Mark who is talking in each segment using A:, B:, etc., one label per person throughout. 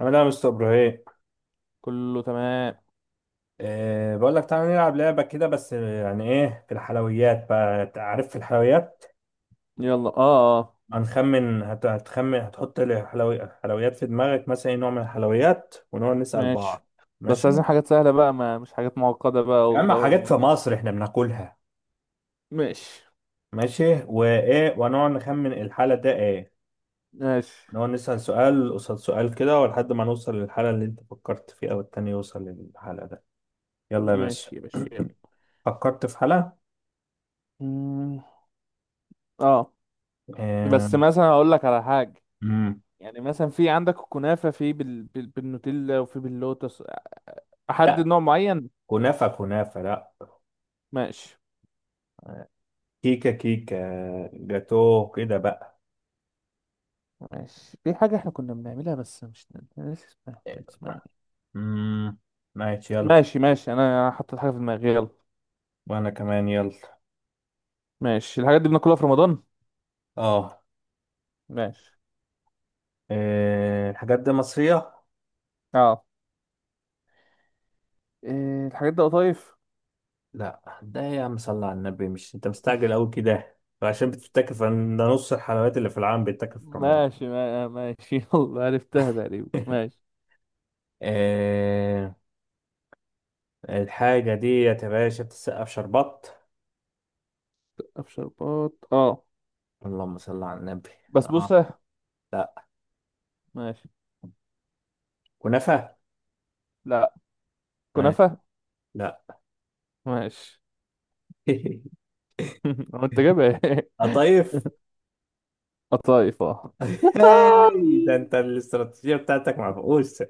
A: عامل ايه يا مستر ابراهيم؟
B: كله تمام.
A: إيه، بقول لك تعالى نلعب لعبه كده، بس يعني ايه؟ في الحلويات، بقى أنت عارف. في الحلويات
B: يلا، اه، اه.
A: هنخمن، هتخمن، هتحط حلويات في دماغك، مثلا ايه نوع من الحلويات، ونقعد نسال
B: ماشي.
A: بعض.
B: بس
A: ماشي.
B: عايزين حاجات سهلة بقى، ما مش حاجات معقدة بقى،
A: يا اما
B: ودولة
A: حاجات
B: مد.
A: في مصر احنا بناكلها.
B: ماشي
A: ماشي وايه؟ ونقعد نخمن الحاله ده ايه.
B: ماشي.
A: نقعد نسال سؤال قصاد سؤال كده، ولحد ما نوصل للحاله اللي انت فكرت فيها، والتاني يوصل للحاله ده. يلا يا باشا.
B: ماشي يا باشا، يلا.
A: فكرت في حاله.
B: مم، اه.
A: إيه.
B: بس مثلا هقول لك على حاجة. يعني مثلا في عندك الكنافة في بالنوتيلا وفي باللوتس. أحدد نوع معين.
A: كنافة كنافة، لا.
B: ماشي
A: كيكة كيكة. جاتو كده بقى.
B: ماشي. في حاجة احنا كنا بنعملها بس مش أنا ناسي اسمها، كان اسمها ايه؟
A: امم ماشي يلا.
B: ماشي. ماشي أنا حطيت حاجة في دماغي، يلا.
A: وانا كمان يلا.
B: ماشي، الحاجات دي بناكلها في رمضان.
A: اه.
B: ماشي،
A: إيه، الحاجات دي مصرية؟
B: اه. إيه الحاجات دي، قطايف؟
A: لا ده يا عم صلى على النبي، مش انت مستعجل قوي كده؟ عشان بتفتكر ده نص الحلويات اللي في العالم بيتاكل في رمضان.
B: ماشي، ماشي. يلا عرفتها تقريبا، ماشي.
A: إيه، الحاجة دي يا باشا بتتسقف شربات.
B: شربات، اه.
A: اللهم صل على النبي. اه.
B: بسبوسة.
A: لا.
B: ماشي.
A: كنافة.
B: لا.
A: ماشي.
B: كنافة.
A: لا.
B: ماشي. هو انت جايبها ايه؟
A: قطايف.
B: قطايف، اه.
A: هاي ده انت الاستراتيجية بتاعتك معفقوسة.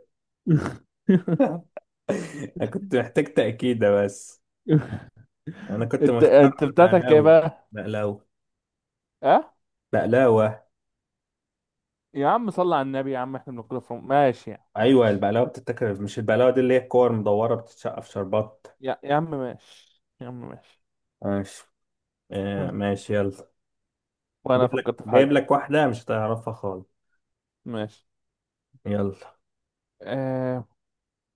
A: انا كنت محتاج تأكيدة بس. انا كنت
B: انت
A: مختار
B: بتاعتك ايه
A: بقلاوة.
B: بقى؟
A: بقلاوة.
B: اه.
A: بقلاوة.
B: يا عم صلى على النبي، يا عم احنا بناكلها في ماشي يا عم،
A: ايوه
B: ماشي.
A: البقلاوة بتتاكل، مش البقلاوة دي اللي هي الكور مدورة بتتشقى في شربات.
B: يا عم ماشي، يا عم ماشي.
A: ماشي. آه
B: هم.
A: ماشي يلا.
B: وانا
A: جايب لك،
B: فكرت في
A: جايب
B: حاجة.
A: لك واحدة مش هتعرفها خالص.
B: ماشي.
A: يلا.
B: آه...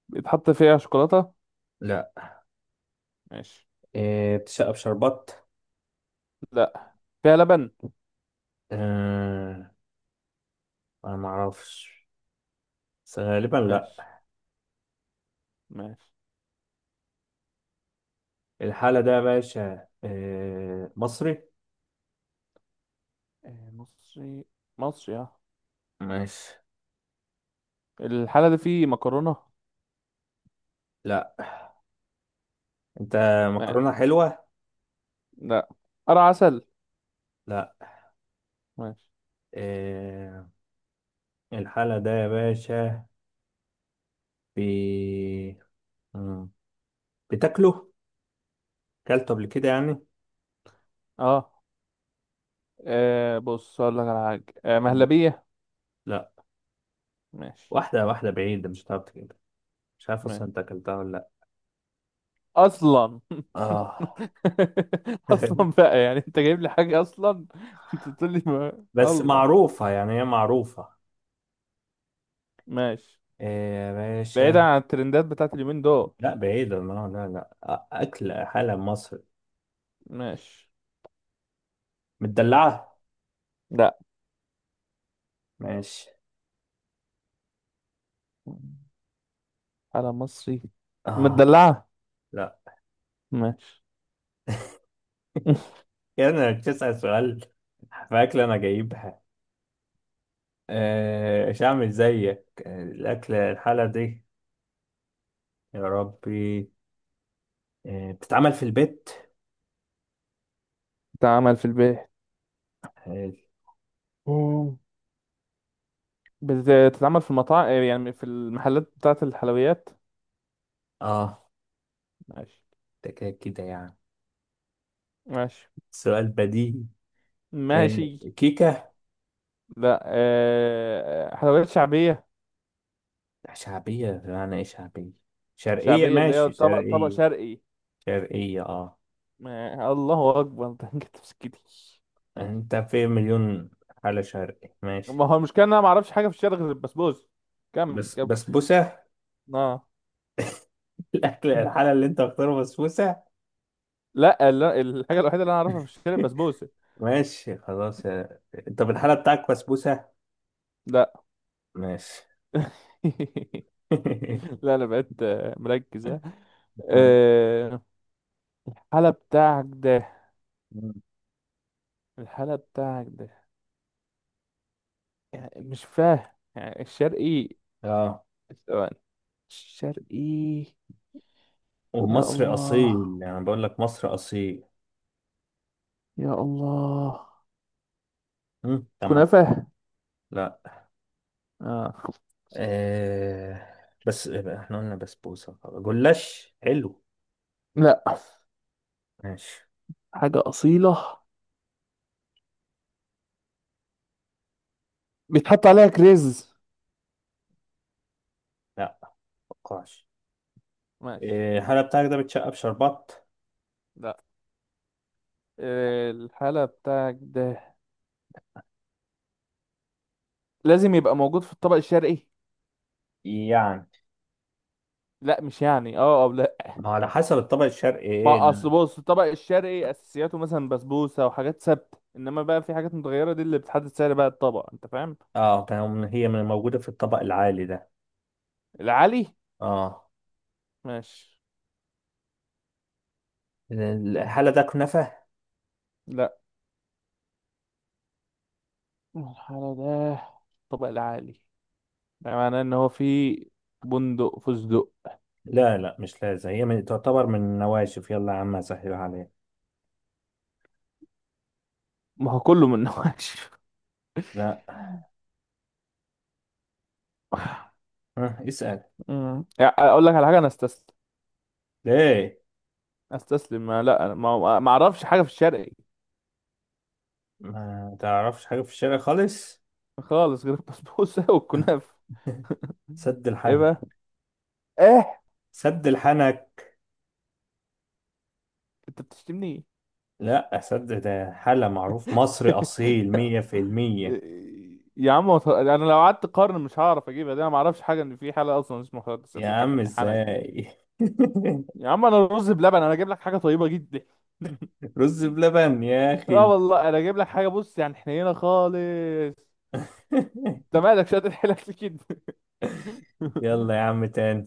B: بيتحط فيها شوكولاتة.
A: لا.
B: ماشي.
A: آه، بتتشقى في شربات.
B: لا، فيها لبن.
A: آه. انا معرفش، بس غالبا لا.
B: ماشي ماشي.
A: الحالة ده يا باشا آه مصري.
B: آه، مصري. مصري، اه.
A: ماشي.
B: الحالة دي فيه مكرونة؟
A: لا. انت
B: ماشي.
A: مكرونة حلوة؟
B: لا. قرع عسل؟
A: لا.
B: ماشي.
A: إيه الحالة ده يا باشا بي... مم. بتاكله؟ اكلته قبل كده يعني.
B: اه. آه، بص اقول لك على حاجة. آه،
A: مم.
B: مهلبية.
A: لا.
B: ماشي
A: واحدة واحدة بعيدة مش هتعرف كده. مش عارف
B: ماشي.
A: اصلا انت اكلتها ولا لا.
B: اصلا.
A: اه.
B: اصلا بقى، يعني انت جايب لي حاجة اصلا؟ انت بتقول لي ما...
A: بس
B: الله.
A: معروفة، يعني هي معروفة.
B: ماشي.
A: إيه يا
B: بعيدا
A: باشا؟
B: عن الترندات بتاعت اليومين دول.
A: لا بعيدة، لا لا لا، أكل حالة مصر
B: ماشي.
A: متدلعة.
B: لا.
A: ماشي.
B: على مصري.
A: اه.
B: مدلعة.
A: لا.
B: ماشي.
A: يعني بتسأل سؤال في أكل أنا جايبها. آه، مش هعمل زيك. آه، الأكل الحالة دي يا ربي. آه، بتتعمل في البيت.
B: بتتعمل في البيت.
A: اه.
B: مم. بتتعمل في المطاعم، آه، يعني في المحلات بتاعة الحلويات.
A: آه،
B: ماشي
A: ده كده كده يعني
B: ماشي.
A: سؤال بديهي. آه،
B: ماشي.
A: كيكة
B: لا، آه، حلويات شعبية.
A: شعبية؟ معنى ايه شعبية؟ شرقية؟
B: شعبية اللي هي
A: ماشي
B: طبق طبق
A: شرقية.
B: شرقي.
A: شرقية اه.
B: ما... الله أكبر. ده انت تفسكتي.
A: انت في مليون حالة شرقية ماشي.
B: ما هو المشكلة إن أنا معرفش حاجة في الشرق غير البسبوسة. كمل
A: بس
B: كمل.
A: بسبوسة.
B: آه.
A: الأكل الحالة اللي انت مختاره بسبوسة.
B: لا لا، الحاجة الوحيدة اللي أنا أعرفها في الشارع بسبوسة.
A: ماشي خلاص. آه، طب الحالة بتاعك بسبوسة؟
B: لا.
A: ماشي.
B: لا، أنا بقيت مركز، آه، حالة بتاعك ده.
A: مم.
B: الحالة بتاعك ده يعني مش فاهم. يعني الشرقي؟
A: اه.
B: ثواني. الشرقي. يا
A: ومصر
B: الله،
A: اصيل يعني، بقول لك مصر اصيل.
B: يا الله.
A: مم. طب ما
B: كنافة.
A: لا.
B: آه.
A: آه. بس احنا قلنا بسبوسه جلاش حلو.
B: لا،
A: ماشي.
B: حاجة أصيلة. بيتحط عليها كريز؟
A: لا متوقعش.
B: ماشي.
A: آه. هل بتاعك ده بتشقى بشربات؟
B: لا، آه، الحالة بتاعك ده لازم يبقى موجود في الطبق الشرقي؟
A: يعني
B: لا مش يعني اه او لا.
A: ما على حسب الطبق الشرقي ايه
B: ما اصل
A: ده.
B: بص الطبق الشرقي اساسياته مثلا بسبوسة وحاجات ثابتة، انما بقى في حاجات متغيرة دي اللي بتحدد سعر بقى الطبق، انت فاهم.
A: اه، كان هي من موجوده في الطبق العالي ده؟
B: العلي؟
A: اه.
B: ماشي.
A: الحالة ده كنافه؟
B: لا. الحالة ده الطبق العالي ده معناه ان هو في بندق، فستق.
A: لا لا، مش لازم هي من تعتبر من النواشف. يلا يا عم اسهلها عليك.
B: ما هو كله من نوعش.
A: لا. آه، اسال.
B: يعني اقول لك على حاجه، انا استسلم.
A: ليه؟
B: استسلم. ما لا أنا ما اعرفش حاجه في الشرقي.
A: ما تعرفش حاجة في الشارع خالص؟
B: خالص غير البسبوسه والكنافه.
A: سد
B: ايه
A: الحنك.
B: بقى؟ ايه؟
A: سد الحنك.
B: انت بتشتمني؟
A: لا، سد ده حالة معروف مصري أصيل 100%.
B: يا عم ما تهزر- انا لو قعدت قرن مش هعرف اجيبها دي. انا ما اعرفش حاجه ان في حاله اصلا اسمها حاله
A: يا عم
B: الحكم حنك دي.
A: ازاي.
B: يا عم انا رز بلبن، انا اجيب لك حاجه طيبه جدا.
A: رز بلبن يا
B: اه
A: أخي.
B: والله انا اجيب لك حاجه، بص يعني حنينه خالص. انت مالك شاطر حيلك في كده.
A: يلا يا عم تاني.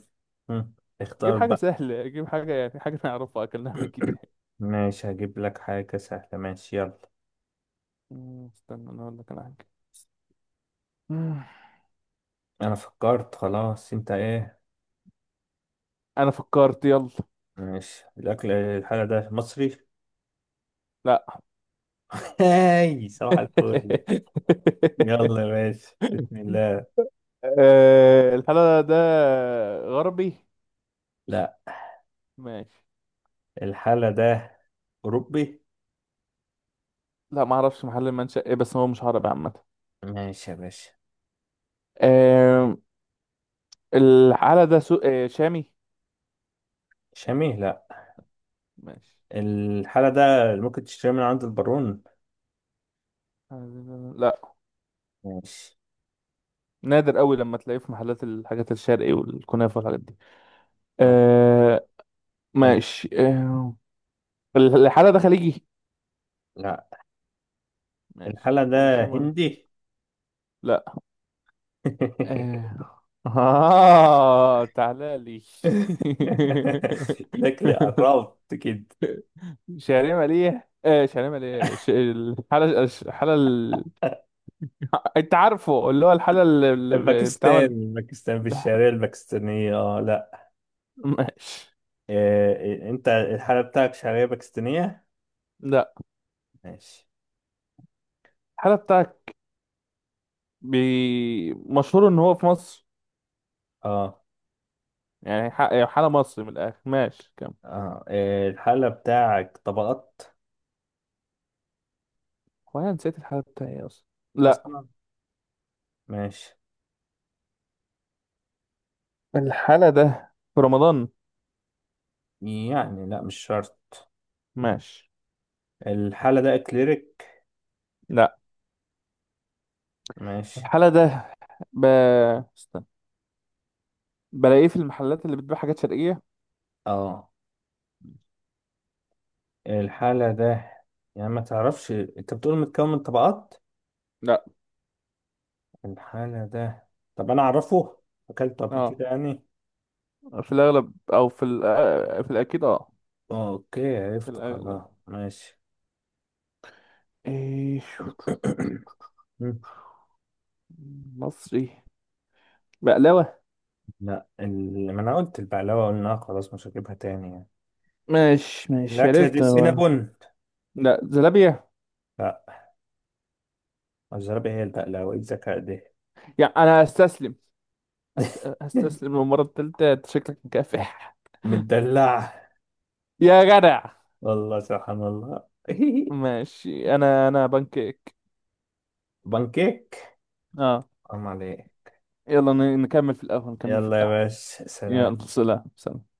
A: هم،
B: جيب
A: اختار
B: حاجه
A: بقى.
B: سهله، جيب حاجه يعني حاجه نعرفها اكلناها قبل كده.
A: ماشي هجيب لك حاجة سهلة، ماشي يلا.
B: مم، استنى انا اقول لك انا حاجه. مم،
A: أنا فكرت خلاص، أنت إيه؟
B: انا فكرت، يلا.
A: ماشي، الأكل الحاجة ده مصري؟
B: لا.
A: هاي صباح الفل. يلا يا باشا بسم الله.
B: آه، الحلا ده غربي؟
A: لا.
B: ماشي.
A: الحالة ده أوروبي؟
B: لا، ما اعرفش محل المنشأ ايه، بس هو مش عربي عامه.
A: ماشي يا باشا.
B: آه، الحلا ده سو... آه، شامي.
A: شامي؟ لا.
B: ماشي.
A: الحالة ده اللي ممكن تشتري من عند البارون؟
B: لا.
A: ماشي.
B: نادر قوي لما تلاقيه في محلات الحاجات الشرقي والكنافة والحاجات دي.
A: ممكن.
B: آه. ماشي، آه. الحالة ده خليجي؟
A: لا.
B: ماشي،
A: الحالة
B: ولا
A: ده
B: شامي ولا.
A: هندي؟
B: لا. آه، آه تعالى لي.
A: شكلي قربت كده.
B: شعرية مالية، آه شعرية مالية. ش... الحالة الحالة ال... انت عارفه اللي هو الحالة اللي بتعمل.
A: باكستان، باكستان في الشعرية الباكستانية اه لا.
B: ماشي.
A: إيه، انت الحالة بتاعك شعرية باكستانية؟
B: لا.
A: ماشي.
B: الحالة بتاعك مشهور ان هو في مصر.
A: اه.
B: يعني يعني حالة مصري من الآخر، ماشي كم.
A: اه إيه الحالة بتاعك طبقات؟
B: هو أنا نسيت الحالة بتاعي إيه أصلا. لا.
A: اصلا. ماشي.
B: الحالة ده في رمضان؟
A: يعني لا مش شرط.
B: ماشي.
A: الحالة ده اكليريك؟
B: لا.
A: ماشي.
B: الحالة ده ب... استنى، بلاقيه في المحلات اللي بتبيع حاجات شرقية.
A: اه. الحالة ده يعني ما تعرفش؟ انت بتقول متكون من طبقات.
B: لا.
A: الحالة ده، طب انا اعرفه؟ اكلته قبل
B: اه،
A: كده يعني.
B: في الأغلب أو في ال... آه، في الأكيد، اه.
A: اوكي
B: في
A: عرفت
B: الأغلب.
A: خلاص، ماشي.
B: إيش؟
A: مم.
B: مصري. بقلاوة.
A: لا، ما انا قلت البقلاوة، قلنا خلاص مش هجيبها تاني يعني.
B: ماشي ماشي
A: الأكلة دي
B: عرفت هو.
A: سينابون؟
B: لا، زلابية.
A: لا. الزرابة هي البقلاوة، ايه الذكاء ده.
B: يعني أنا أستسلم. أستسلم للمرة التالتة، أنت شكلك مكافح.
A: متدلعة.
B: يا جدع.
A: والله سبحان الله.
B: ماشي، انا انا بانكيك.
A: بانكيك.
B: اه.
A: حرام عليك.
B: يلا نكمل في القهوة، نكمل في
A: يلا يا
B: القهوة.
A: باشا سلام.
B: يلا سلام، سلام.